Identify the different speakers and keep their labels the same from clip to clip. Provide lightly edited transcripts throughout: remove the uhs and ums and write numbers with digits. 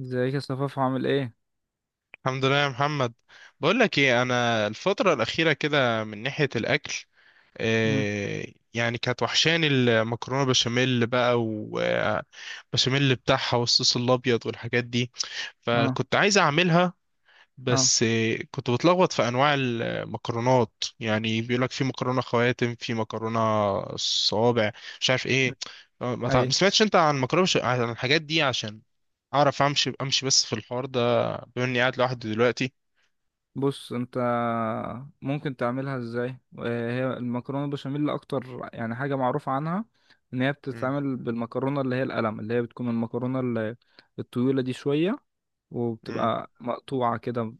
Speaker 1: ازيك يا صفاف، عامل ايه؟
Speaker 2: الحمد لله يا محمد. بقول لك ايه، انا الفتره الاخيره كده من ناحيه الاكل
Speaker 1: امم.
Speaker 2: آه، يعني كانت وحشاني المكرونه بشاميل بقى وبشاميل بتاعها والصوص الابيض والحاجات دي،
Speaker 1: اه.
Speaker 2: فكنت عايز اعملها.
Speaker 1: اه.
Speaker 2: بس كنت بتلخبط في انواع المكرونات. يعني بيقول لك في مكرونه خواتم، في مكرونه صوابع، مش عارف ايه.
Speaker 1: اي.
Speaker 2: ما سمعتش انت عن عن الحاجات دي عشان اعرف امشي بس في الحوار ده، بما اني قاعد لوحدي دلوقتي.
Speaker 1: بص انت، ممكن تعملها ازاي وهي المكرونه البشاميل اللي اكتر يعني حاجه معروفه عنها ان هي
Speaker 2: مم.
Speaker 1: بتتعمل بالمكرونه اللي هي القلم اللي هي بتكون المكرونه الطويله دي شويه
Speaker 2: مم.
Speaker 1: وبتبقى مقطوعه كده.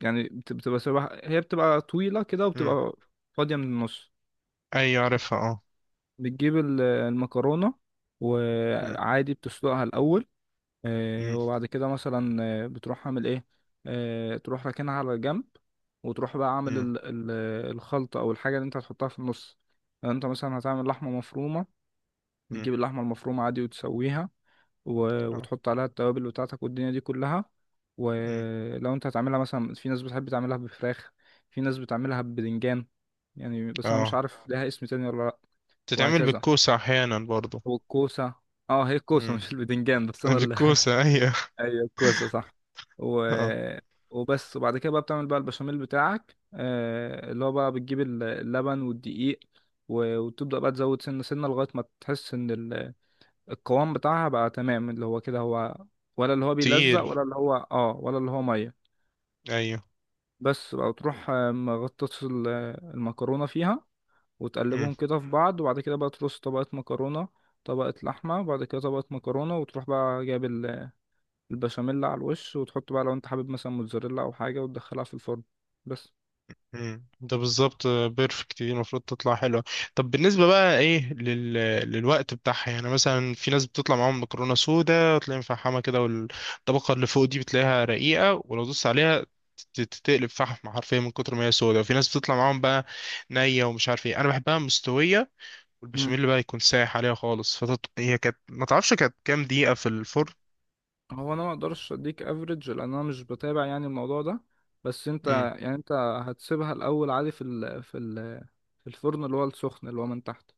Speaker 1: يعني بتبقى شبه، هي بتبقى طويله كده
Speaker 2: مم.
Speaker 1: وبتبقى فاضيه من النص.
Speaker 2: ايوه، عارفها، اه.
Speaker 1: بتجيب المكرونه
Speaker 2: مم.
Speaker 1: وعادي بتسلقها الاول.
Speaker 2: مم.
Speaker 1: وبعد كده مثلا بتروح عامل ايه. تروح راكنها على الجنب وتروح بقى عامل
Speaker 2: مم.
Speaker 1: الخلطة او الحاجة اللي انت هتحطها في النص. يعني انت مثلا هتعمل لحمة مفرومة،
Speaker 2: مم.
Speaker 1: بتجيب اللحمة المفرومة عادي وتسويها.
Speaker 2: اه.
Speaker 1: وتحط عليها التوابل بتاعتك والدنيا دي كلها.
Speaker 2: مم.
Speaker 1: ولو انت هتعملها مثلا، في ناس بتحب تعملها بفراخ، في ناس بتعملها ببدنجان. يعني بس انا مش
Speaker 2: اه،
Speaker 1: عارف لها اسم تاني ولا لا.
Speaker 2: تتعمل
Speaker 1: وهكذا
Speaker 2: بالكوسة احيانا برضو.
Speaker 1: والكوسة. اه، هي الكوسة
Speaker 2: مم.
Speaker 1: مش البدنجان، بس انا.
Speaker 2: بالكوسة، ايوه.
Speaker 1: ايوه الكوسه صح و...
Speaker 2: اه.
Speaker 1: وبس. وبعد كده بقى بتعمل بقى البشاميل بتاعك، اللي هو بقى بتجيب اللبن والدقيق. وتبدأ بقى تزود سنة سنة لغاية ما تحس ان القوام بتاعها بقى تمام، اللي هو كده هو، ولا اللي هو بيلزق،
Speaker 2: تقيل،
Speaker 1: ولا اللي هو ولا اللي هو مية.
Speaker 2: ايوه.
Speaker 1: بس بقى تروح مغطس المكرونة فيها، وتقلبهم كده في بعض. وبعد كده بقى ترص طبقة مكرونة، طبقة لحمة، وبعد كده طبقة مكرونة. وتروح بقى جايب البشاميل على الوش، وتحط بقى لو انت حابب مثلا موتزاريلا او حاجه، وتدخلها في الفرن بس.
Speaker 2: ده بالظبط بيرفكت، دي المفروض تطلع حلوة. طب بالنسبة بقى ايه لل... للوقت بتاعها، يعني مثلا في ناس بتطلع معاهم مكرونة سودا، تلاقي مفحمة كده، والطبقة اللي فوق دي بتلاقيها رقيقة، ولو دوست عليها تتقلب فحم حرفيا من كتر ما هي سودا. وفي ناس بتطلع معاهم بقى نية ومش عارف ايه. انا بحبها مستوية،
Speaker 1: مم.
Speaker 2: والبشاميل بقى يكون سايح عليها خالص. فتط... هي كانت، ما تعرفش كانت كام دقيقة في الفرن؟
Speaker 1: هو انا ما اقدرش اديك افريج لان انا مش بتابع يعني الموضوع ده. بس انت،
Speaker 2: امم.
Speaker 1: يعني انت، هتسيبها الاول عادي في الفرن اللي هو السخن اللي هو من تحت.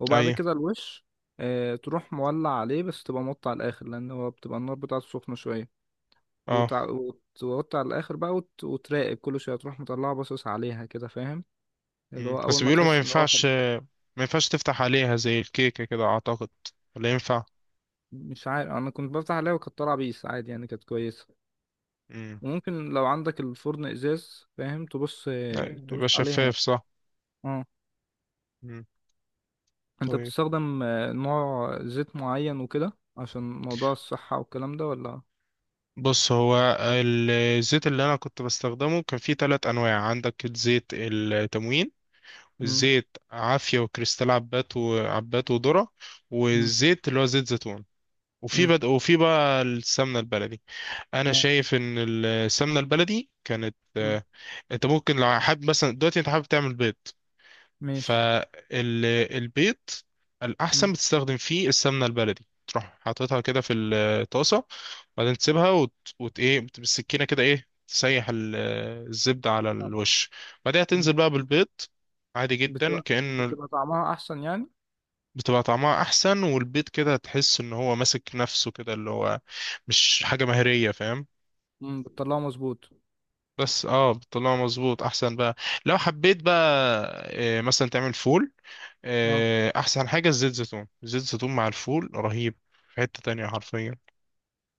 Speaker 1: وبعد
Speaker 2: ايوه.
Speaker 1: كده الوش. اه، تروح مولع عليه، بس تبقى موطي على الاخر لان هو بتبقى النار بتاعته سخنه شويه.
Speaker 2: اه.
Speaker 1: وتوطي على الاخر بقى، وتراقب كل شويه، تروح مطلعه باصص عليها كده، فاهم. اللي هو اول
Speaker 2: بس
Speaker 1: ما
Speaker 2: بيقولوا ما
Speaker 1: تحس ان هو.
Speaker 2: ينفعش، ما ينفعش تفتح عليها زي الكيكة كده أعتقد، ولا ينفع؟
Speaker 1: مش عارف، انا كنت بفتح عليها وكانت طالعه بيس عادي، يعني كانت كويسه.
Speaker 2: مم.
Speaker 1: وممكن لو عندك الفرن ازاز فاهم تبص،
Speaker 2: لا، يبقى
Speaker 1: تبص عليها
Speaker 2: شفاف،
Speaker 1: يعني.
Speaker 2: صح؟
Speaker 1: اه.
Speaker 2: مم.
Speaker 1: انت
Speaker 2: طيب،
Speaker 1: بتستخدم نوع زيت معين وكده عشان موضوع الصحه والكلام ده، ولا...
Speaker 2: بص هو الزيت اللي أنا كنت بستخدمه كان فيه تلات أنواع. عندك الزيت التموين،
Speaker 1: امم.
Speaker 2: الزيت عافية وكريستال، عبات وعبات وذرة.
Speaker 1: امم.
Speaker 2: والزيت اللي هو زيت زيتون،
Speaker 1: امم.
Speaker 2: وفي بقى السمنة البلدي. أنا
Speaker 1: اه.
Speaker 2: شايف إن السمنة البلدي كانت
Speaker 1: مم.
Speaker 2: أنت ممكن لو حابب مثلا دلوقتي أنت حابب تعمل بيض،
Speaker 1: ماشي.
Speaker 2: فالبيض
Speaker 1: امم.
Speaker 2: الأحسن بتستخدم فيه السمنة البلدي. تروح حاططها كده في الطاسة، وبعدين تسيبها إيه، بالسكينة كده، إيه، تسيح الزبدة على
Speaker 1: اه.
Speaker 2: الوش. بعدها
Speaker 1: مم.
Speaker 2: تنزل بقى بالبيض عادي جدا،
Speaker 1: بتبقى
Speaker 2: كأنه
Speaker 1: بتبقى طعمها احسن يعني.
Speaker 2: بتبقى طعمها أحسن. والبيض كده تحس إن هو ماسك نفسه كده، اللي هو مش حاجة مهرية، فاهم؟
Speaker 1: امم، بتطلعه مظبوط.
Speaker 2: بس اه، بتطلعه مظبوط أحسن بقى. لو حبيت بقى إيه مثلا تعمل فول،
Speaker 1: اه،
Speaker 2: احسن حاجه الزيت زيتون، زيت زيتون مع الفول رهيب في حته تانية حرفيا.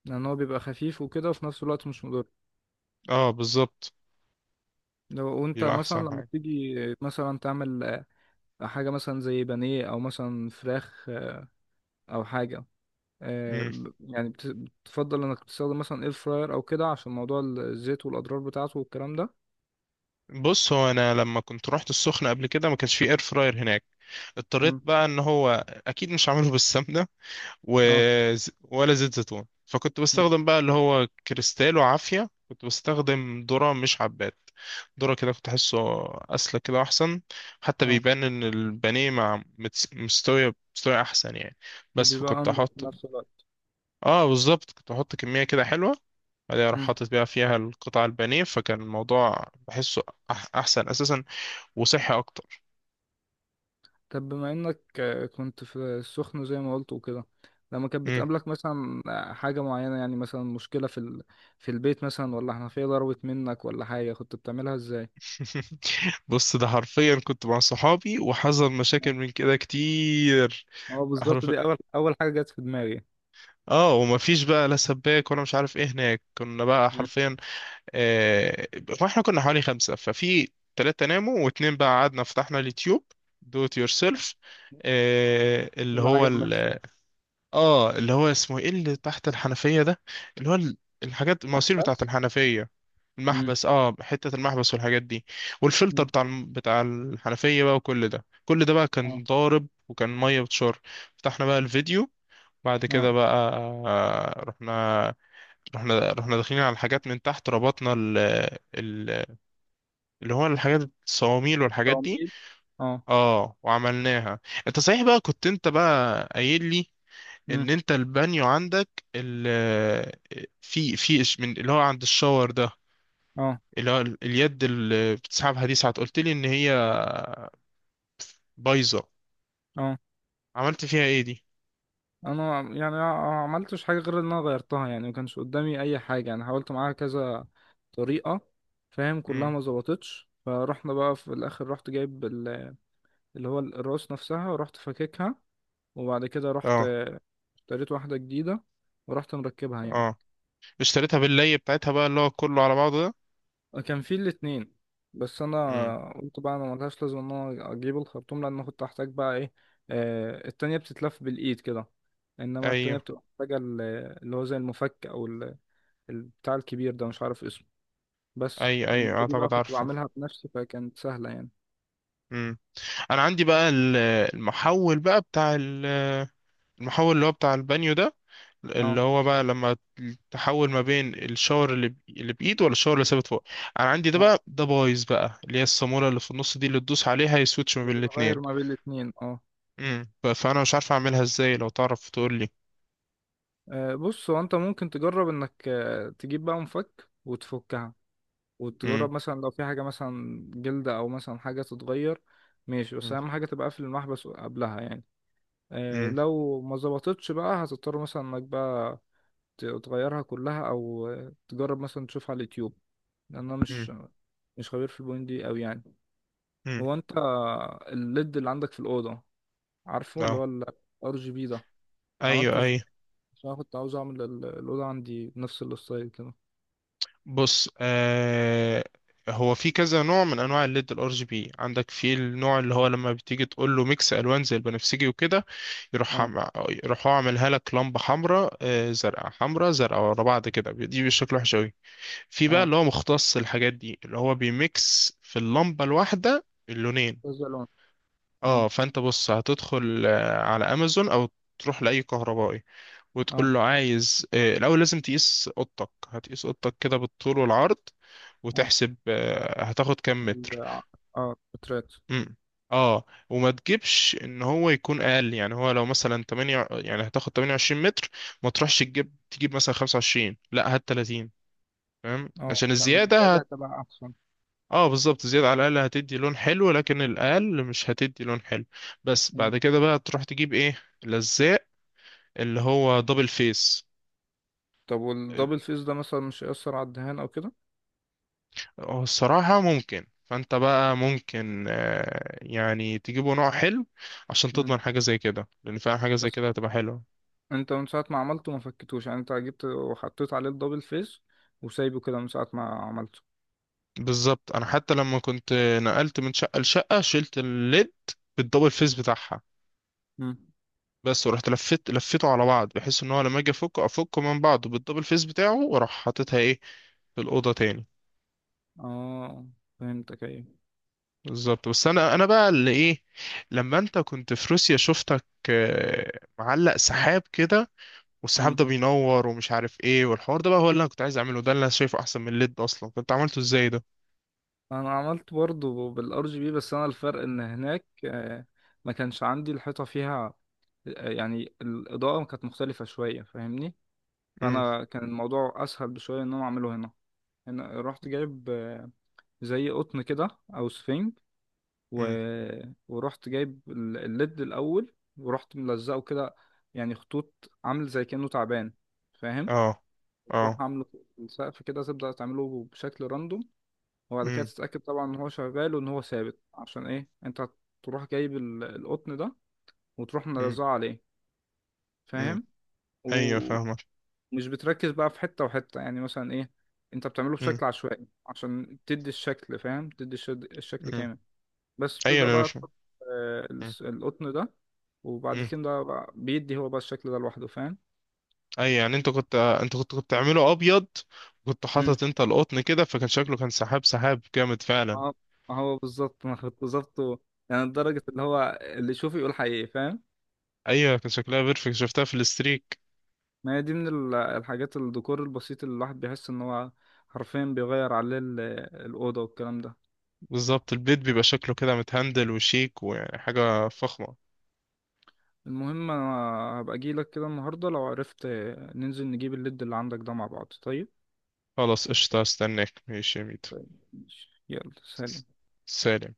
Speaker 1: لان هو بيبقى خفيف وكده وفي نفس الوقت مش مضر.
Speaker 2: اه بالظبط،
Speaker 1: لو وانت
Speaker 2: يبقى
Speaker 1: مثلا
Speaker 2: احسن
Speaker 1: لما
Speaker 2: حاجه.
Speaker 1: بتيجي مثلا تعمل حاجة مثلا زي بانيه أو مثلا فراخ، أو حاجة،
Speaker 2: مم.
Speaker 1: يعني بتفضل إنك تستخدم مثلا إير فراير أو كده عشان موضوع الزيت والأضرار بتاعته والكلام ده.
Speaker 2: بص هو انا لما كنت رحت السخنه قبل كده، ما كانش فيه اير فراير هناك. اضطريت
Speaker 1: مم.
Speaker 2: بقى ان هو اكيد مش عامله بالسمنه و...
Speaker 1: اه.
Speaker 2: ولا زيت زيتون، فكنت
Speaker 1: مم.
Speaker 2: بستخدم بقى اللي هو كريستالو عافية. كنت بستخدم ذرة، مش حبات، ذرة، كده كنت أحسه أسلك كده أحسن. حتى
Speaker 1: اه.
Speaker 2: بيبان إن البانيه مع مستوية أحسن يعني. بس
Speaker 1: وبيبقى
Speaker 2: فكنت
Speaker 1: أنضف في
Speaker 2: أحط،
Speaker 1: نفس الوقت.
Speaker 2: آه بالظبط، كنت أحط كمية كده حلوة، بعدين أروح
Speaker 1: مم.
Speaker 2: حاطط بقى فيها القطع البانيه. فكان الموضوع بحسه أحسن أساسا، وصحي أكتر.
Speaker 1: طب بما إنك كنت في السخن زي ما قلت وكده، لما كانت
Speaker 2: مم.
Speaker 1: بتقابلك مثلا حاجة معينة، يعني مثلا مشكلة في البيت مثلا، ولا حنفية ضربت منك، ولا حاجة، كنت بتعملها إزاي؟
Speaker 2: بص ده حرفيا كنت مع صحابي وحصل
Speaker 1: مم.
Speaker 2: مشاكل من كده كتير.
Speaker 1: اه بالظبط،
Speaker 2: حرف،
Speaker 1: دي أول أول حاجة جت في دماغي.
Speaker 2: اه، ومفيش بقى لا سباك ولا مش عارف ايه هناك، كنا بقى
Speaker 1: مم.
Speaker 2: حرفيا آه... واحنا كنا حوالي خمسة، ففي تلاتة ناموا واتنين بقى قعدنا، فتحنا اليوتيوب، دو ات يور سيلف. اللي
Speaker 1: اللي
Speaker 2: هو
Speaker 1: عجب نفسك.
Speaker 2: ال... اه، اللي هو اسمه ايه، اللي تحت الحنفية ده، اللي هو الحاجات المواسير بتاعت
Speaker 1: محبس.
Speaker 2: الحنفية،
Speaker 1: امم.
Speaker 2: المحبس، اه، حتة المحبس والحاجات دي. والفلتر
Speaker 1: أمم.
Speaker 2: بتاع الحنفية بقى، وكل ده كل ده بقى
Speaker 1: اه.
Speaker 2: كان ضارب وكان مية بتشر. فتحنا بقى الفيديو، بعد
Speaker 1: اه.
Speaker 2: كده بقى آه، رحنا رحنا داخلين على الحاجات من تحت، ربطنا ال... اللي هو الحاجات، الصواميل والحاجات دي،
Speaker 1: تعميد. اه.
Speaker 2: اه، وعملناها. انت صحيح بقى، كنت انت بقى قايل لي
Speaker 1: مم.
Speaker 2: ان انت البانيو عندك ال... في من اللي هو عند الشاور ده،
Speaker 1: اه.
Speaker 2: اللي هو اليد اللي بتسحبها دي، ساعات قلت لي ان هي بايظه،
Speaker 1: اه.
Speaker 2: عملت فيها ايه دي؟
Speaker 1: انا يعني ما عملتش حاجه غير ان انا غيرتها، يعني ما كانش قدامي اي حاجه، انا حاولت معاها كذا طريقه، فاهم، كلها
Speaker 2: امم.
Speaker 1: ما ظبطتش. فرحنا بقى في الاخر رحت جايب اللي هو الراس نفسها ورحت فككها. وبعد كده رحت
Speaker 2: اه.
Speaker 1: اشتريت واحده جديده ورحت مركبها يعني.
Speaker 2: اه، اشتريتها باللي بتاعتها بقى، اللي هو كله على بعضه ده.
Speaker 1: كان في الاتنين، بس انا قلت بقى انا ملهاش لازمه ان انا اجيب الخرطوم، لان أنا كنت هحتاج بقى ايه، التانية بتتلف بالايد كده. انما التانية
Speaker 2: امم.
Speaker 1: بتبقى محتاجه اللي هو زي المفك او البتاع الكبير ده مش عارف اسمه. بس
Speaker 2: اي اي،
Speaker 1: انما دي بقى
Speaker 2: اعتقد
Speaker 1: كنت
Speaker 2: عارفه.
Speaker 1: بعملها بنفسي فكانت سهله يعني.
Speaker 2: امم. انا عندي بقى المحول بقى المحول اللي هو بتاع البانيو ده،
Speaker 1: اه.
Speaker 2: اللي هو بقى لما تحول ما بين الشاور اللي بايد ولا الشاور اللي ثابت فوق. انا عندي ده
Speaker 1: اه.
Speaker 2: بقى، ده بايظ بقى، اللي هي الصامولة اللي في النص دي، اللي تدوس عليها يسويتش ما بين
Speaker 1: بتغير
Speaker 2: الاتنين.
Speaker 1: ما بين الاتنين، اه.
Speaker 2: امم. فانا مش عارف اعملها ازاي، لو تعرف تقول لي.
Speaker 1: بص هو، انت ممكن تجرب انك تجيب بقى مفك وتفكها،
Speaker 2: امم.
Speaker 1: وتجرب مثلا لو في حاجة مثلا جلدة أو مثلا حاجة تتغير. ماشي، بس أهم حاجة تبقى قافل المحبس قبلها يعني.
Speaker 2: امم.
Speaker 1: لو ما ظبطتش بقى هتضطر مثلا إنك بقى تغيرها كلها أو تجرب مثلا تشوفها على اليوتيوب. لأن أنا
Speaker 2: امم.
Speaker 1: مش خبير في البوينت دي أوي يعني.
Speaker 2: امم.
Speaker 1: هو أنت، الليد اللي عندك في الأوضة، عارفه اللي
Speaker 2: اه.
Speaker 1: هو ال RGB ده، عملته
Speaker 2: ايوه،
Speaker 1: ازاي؟
Speaker 2: ايوه.
Speaker 1: عشان أنا كنت عاوز أعمل الأوضة عندي نفس الستايل كده.
Speaker 2: بص آه، هو في كذا نوع من انواع الليد الار جي بي. عندك في النوع اللي هو لما بتيجي تقول له ميكس الوان زي البنفسجي وكده، يروح
Speaker 1: اه.
Speaker 2: عم- يروح هو عاملها لك لمبه حمراء، آه، زرقاء، حمراء، زرقاء، ورا بعض كده، دي بشكل وحش قوي. في بقى
Speaker 1: اه
Speaker 2: اللي هو مختص الحاجات دي، اللي هو بيميكس في اللمبه الواحده اللونين.
Speaker 1: كذا لون. مم.
Speaker 2: اه، فانت بص هتدخل على امازون او تروح لاي كهربائي
Speaker 1: اه.
Speaker 2: وتقول له عايز، الأول لازم تقيس أوضتك، هتقيس أوضتك كده بالطول والعرض،
Speaker 1: آه.
Speaker 2: وتحسب هتاخد كام متر.
Speaker 1: ال- اه بترات.
Speaker 2: مم. اه، وما تجيبش ان هو يكون اقل. يعني هو لو مثلا 8، يعني هتاخد 28 متر، ما تروحش تجيب تجيب مثلا 25، لا، هات 30. فاهم؟
Speaker 1: اه،
Speaker 2: عشان
Speaker 1: عشان
Speaker 2: الزياده
Speaker 1: الزيادة
Speaker 2: هت...
Speaker 1: هتبقى أحسن.
Speaker 2: اه بالظبط، الزياده على الاقل هتدي لون حلو، لكن الاقل مش هتدي لون حلو. بس
Speaker 1: مم.
Speaker 2: بعد كده بقى تروح تجيب ايه، لزاق، اللي هو دبل فيس.
Speaker 1: طب والدبل فيس ده مثلا مش هيأثر على الدهان أو كده؟
Speaker 2: هو الصراحة ممكن، فانت بقى ممكن يعني تجيبوا نوع حلو عشان
Speaker 1: مم.
Speaker 2: تضمن حاجة زي كده، لان فعلا حاجة زي
Speaker 1: بس
Speaker 2: كده هتبقى حلوة.
Speaker 1: أنت من ساعة ما عملته ما فكتوش يعني، أنت جبت وحطيت عليه الدبل فيس وسايبه كده من ساعة ما عملته.
Speaker 2: بالظبط، انا حتى لما كنت نقلت من شقة لشقة، شلت الليد بالدبل فيس بتاعها.
Speaker 1: مم.
Speaker 2: بس ورحت لفيت لفيته على بعض، بحيث ان هو لما اجي افكه افكه من بعضه بالدبل فيس بتاعه، واروح حاططها ايه في الأوضة تاني.
Speaker 1: اه فهمتك أيوه.
Speaker 2: بالظبط. بس انا، انا بقى اللي ايه، لما انت كنت في روسيا شفتك معلق سحاب كده، والسحاب
Speaker 1: مم.
Speaker 2: ده بينور ومش عارف ايه والحوار ده بقى، هو اللي انا كنت عايز اعمله، ده اللي انا شايفه احسن من الليد اصلا. كنت عملته ازاي ده؟
Speaker 1: أنا عملت برضه بالار جي بي، بس أنا الفرق إن هناك ما كانش عندي الحيطة فيها. يعني الإضاءة كانت مختلفة شوية فاهمني.
Speaker 2: امم.
Speaker 1: فأنا كان الموضوع أسهل بشوية إن أنا أعمله هنا. انا رحت جايب زي قطن كده او سفنج و...
Speaker 2: امم.
Speaker 1: ورحت جايب الليد الاول ورحت ملزقه كده، يعني خطوط عامل زي كأنه تعبان، فاهم.
Speaker 2: اه.
Speaker 1: تروح
Speaker 2: اه.
Speaker 1: عامله في السقف كده، تبدأ تعمله بشكل راندوم. وبعد كده
Speaker 2: امم.
Speaker 1: تتأكد طبعا ان هو شغال وان هو ثابت، عشان ايه انت تروح جايب القطن ده وتروح
Speaker 2: امم.
Speaker 1: ملزقه عليه،
Speaker 2: امم.
Speaker 1: فاهم.
Speaker 2: ايوه،
Speaker 1: و...
Speaker 2: فاهمك.
Speaker 1: مش بتركز بقى في حتة وحتة يعني، مثلا ايه، انت بتعمله
Speaker 2: امم.
Speaker 1: بشكل عشوائي عشان تدي الشكل، فاهم، تدي الشكل
Speaker 2: امم.
Speaker 1: كامل. بس
Speaker 2: ايوه
Speaker 1: بتبدأ
Speaker 2: انا
Speaker 1: بقى
Speaker 2: فاهم.
Speaker 1: تحط
Speaker 2: امم.
Speaker 1: القطن ده، وبعد
Speaker 2: امم.
Speaker 1: كده بقى بيدي هو بقى الشكل ده لوحده، فاهم.
Speaker 2: ايوه، يعني انت كنت تعمله ابيض، كنت
Speaker 1: امم.
Speaker 2: حاطط انت القطن كده، فكان شكله كان سحاب جامد فعلا.
Speaker 1: ما ما هو بالظبط ما هو بالظبط هو-. يعني لدرجة اللي هو اللي يشوف يقول حقيقي، فاهم.
Speaker 2: ايوه كان شكلها بيرفكت، شفتها في الاستريك.
Speaker 1: ما هي دي من الحاجات الديكور البسيط اللي الواحد بيحس ان هو حرفيا بيغير عليه الأوضة والكلام ده.
Speaker 2: بالظبط، البيت بيبقى شكله كده متهندل وشيك وحاجه فخمه.
Speaker 1: المهم انا هبقى اجيلك كده النهارده لو عرفت، ننزل نجيب الليد اللي عندك ده مع بعض، طيب.
Speaker 2: خلاص، قشطه، استناك، ماشي يا ميت.
Speaker 1: ماشي. يلا سلام.
Speaker 2: سلام.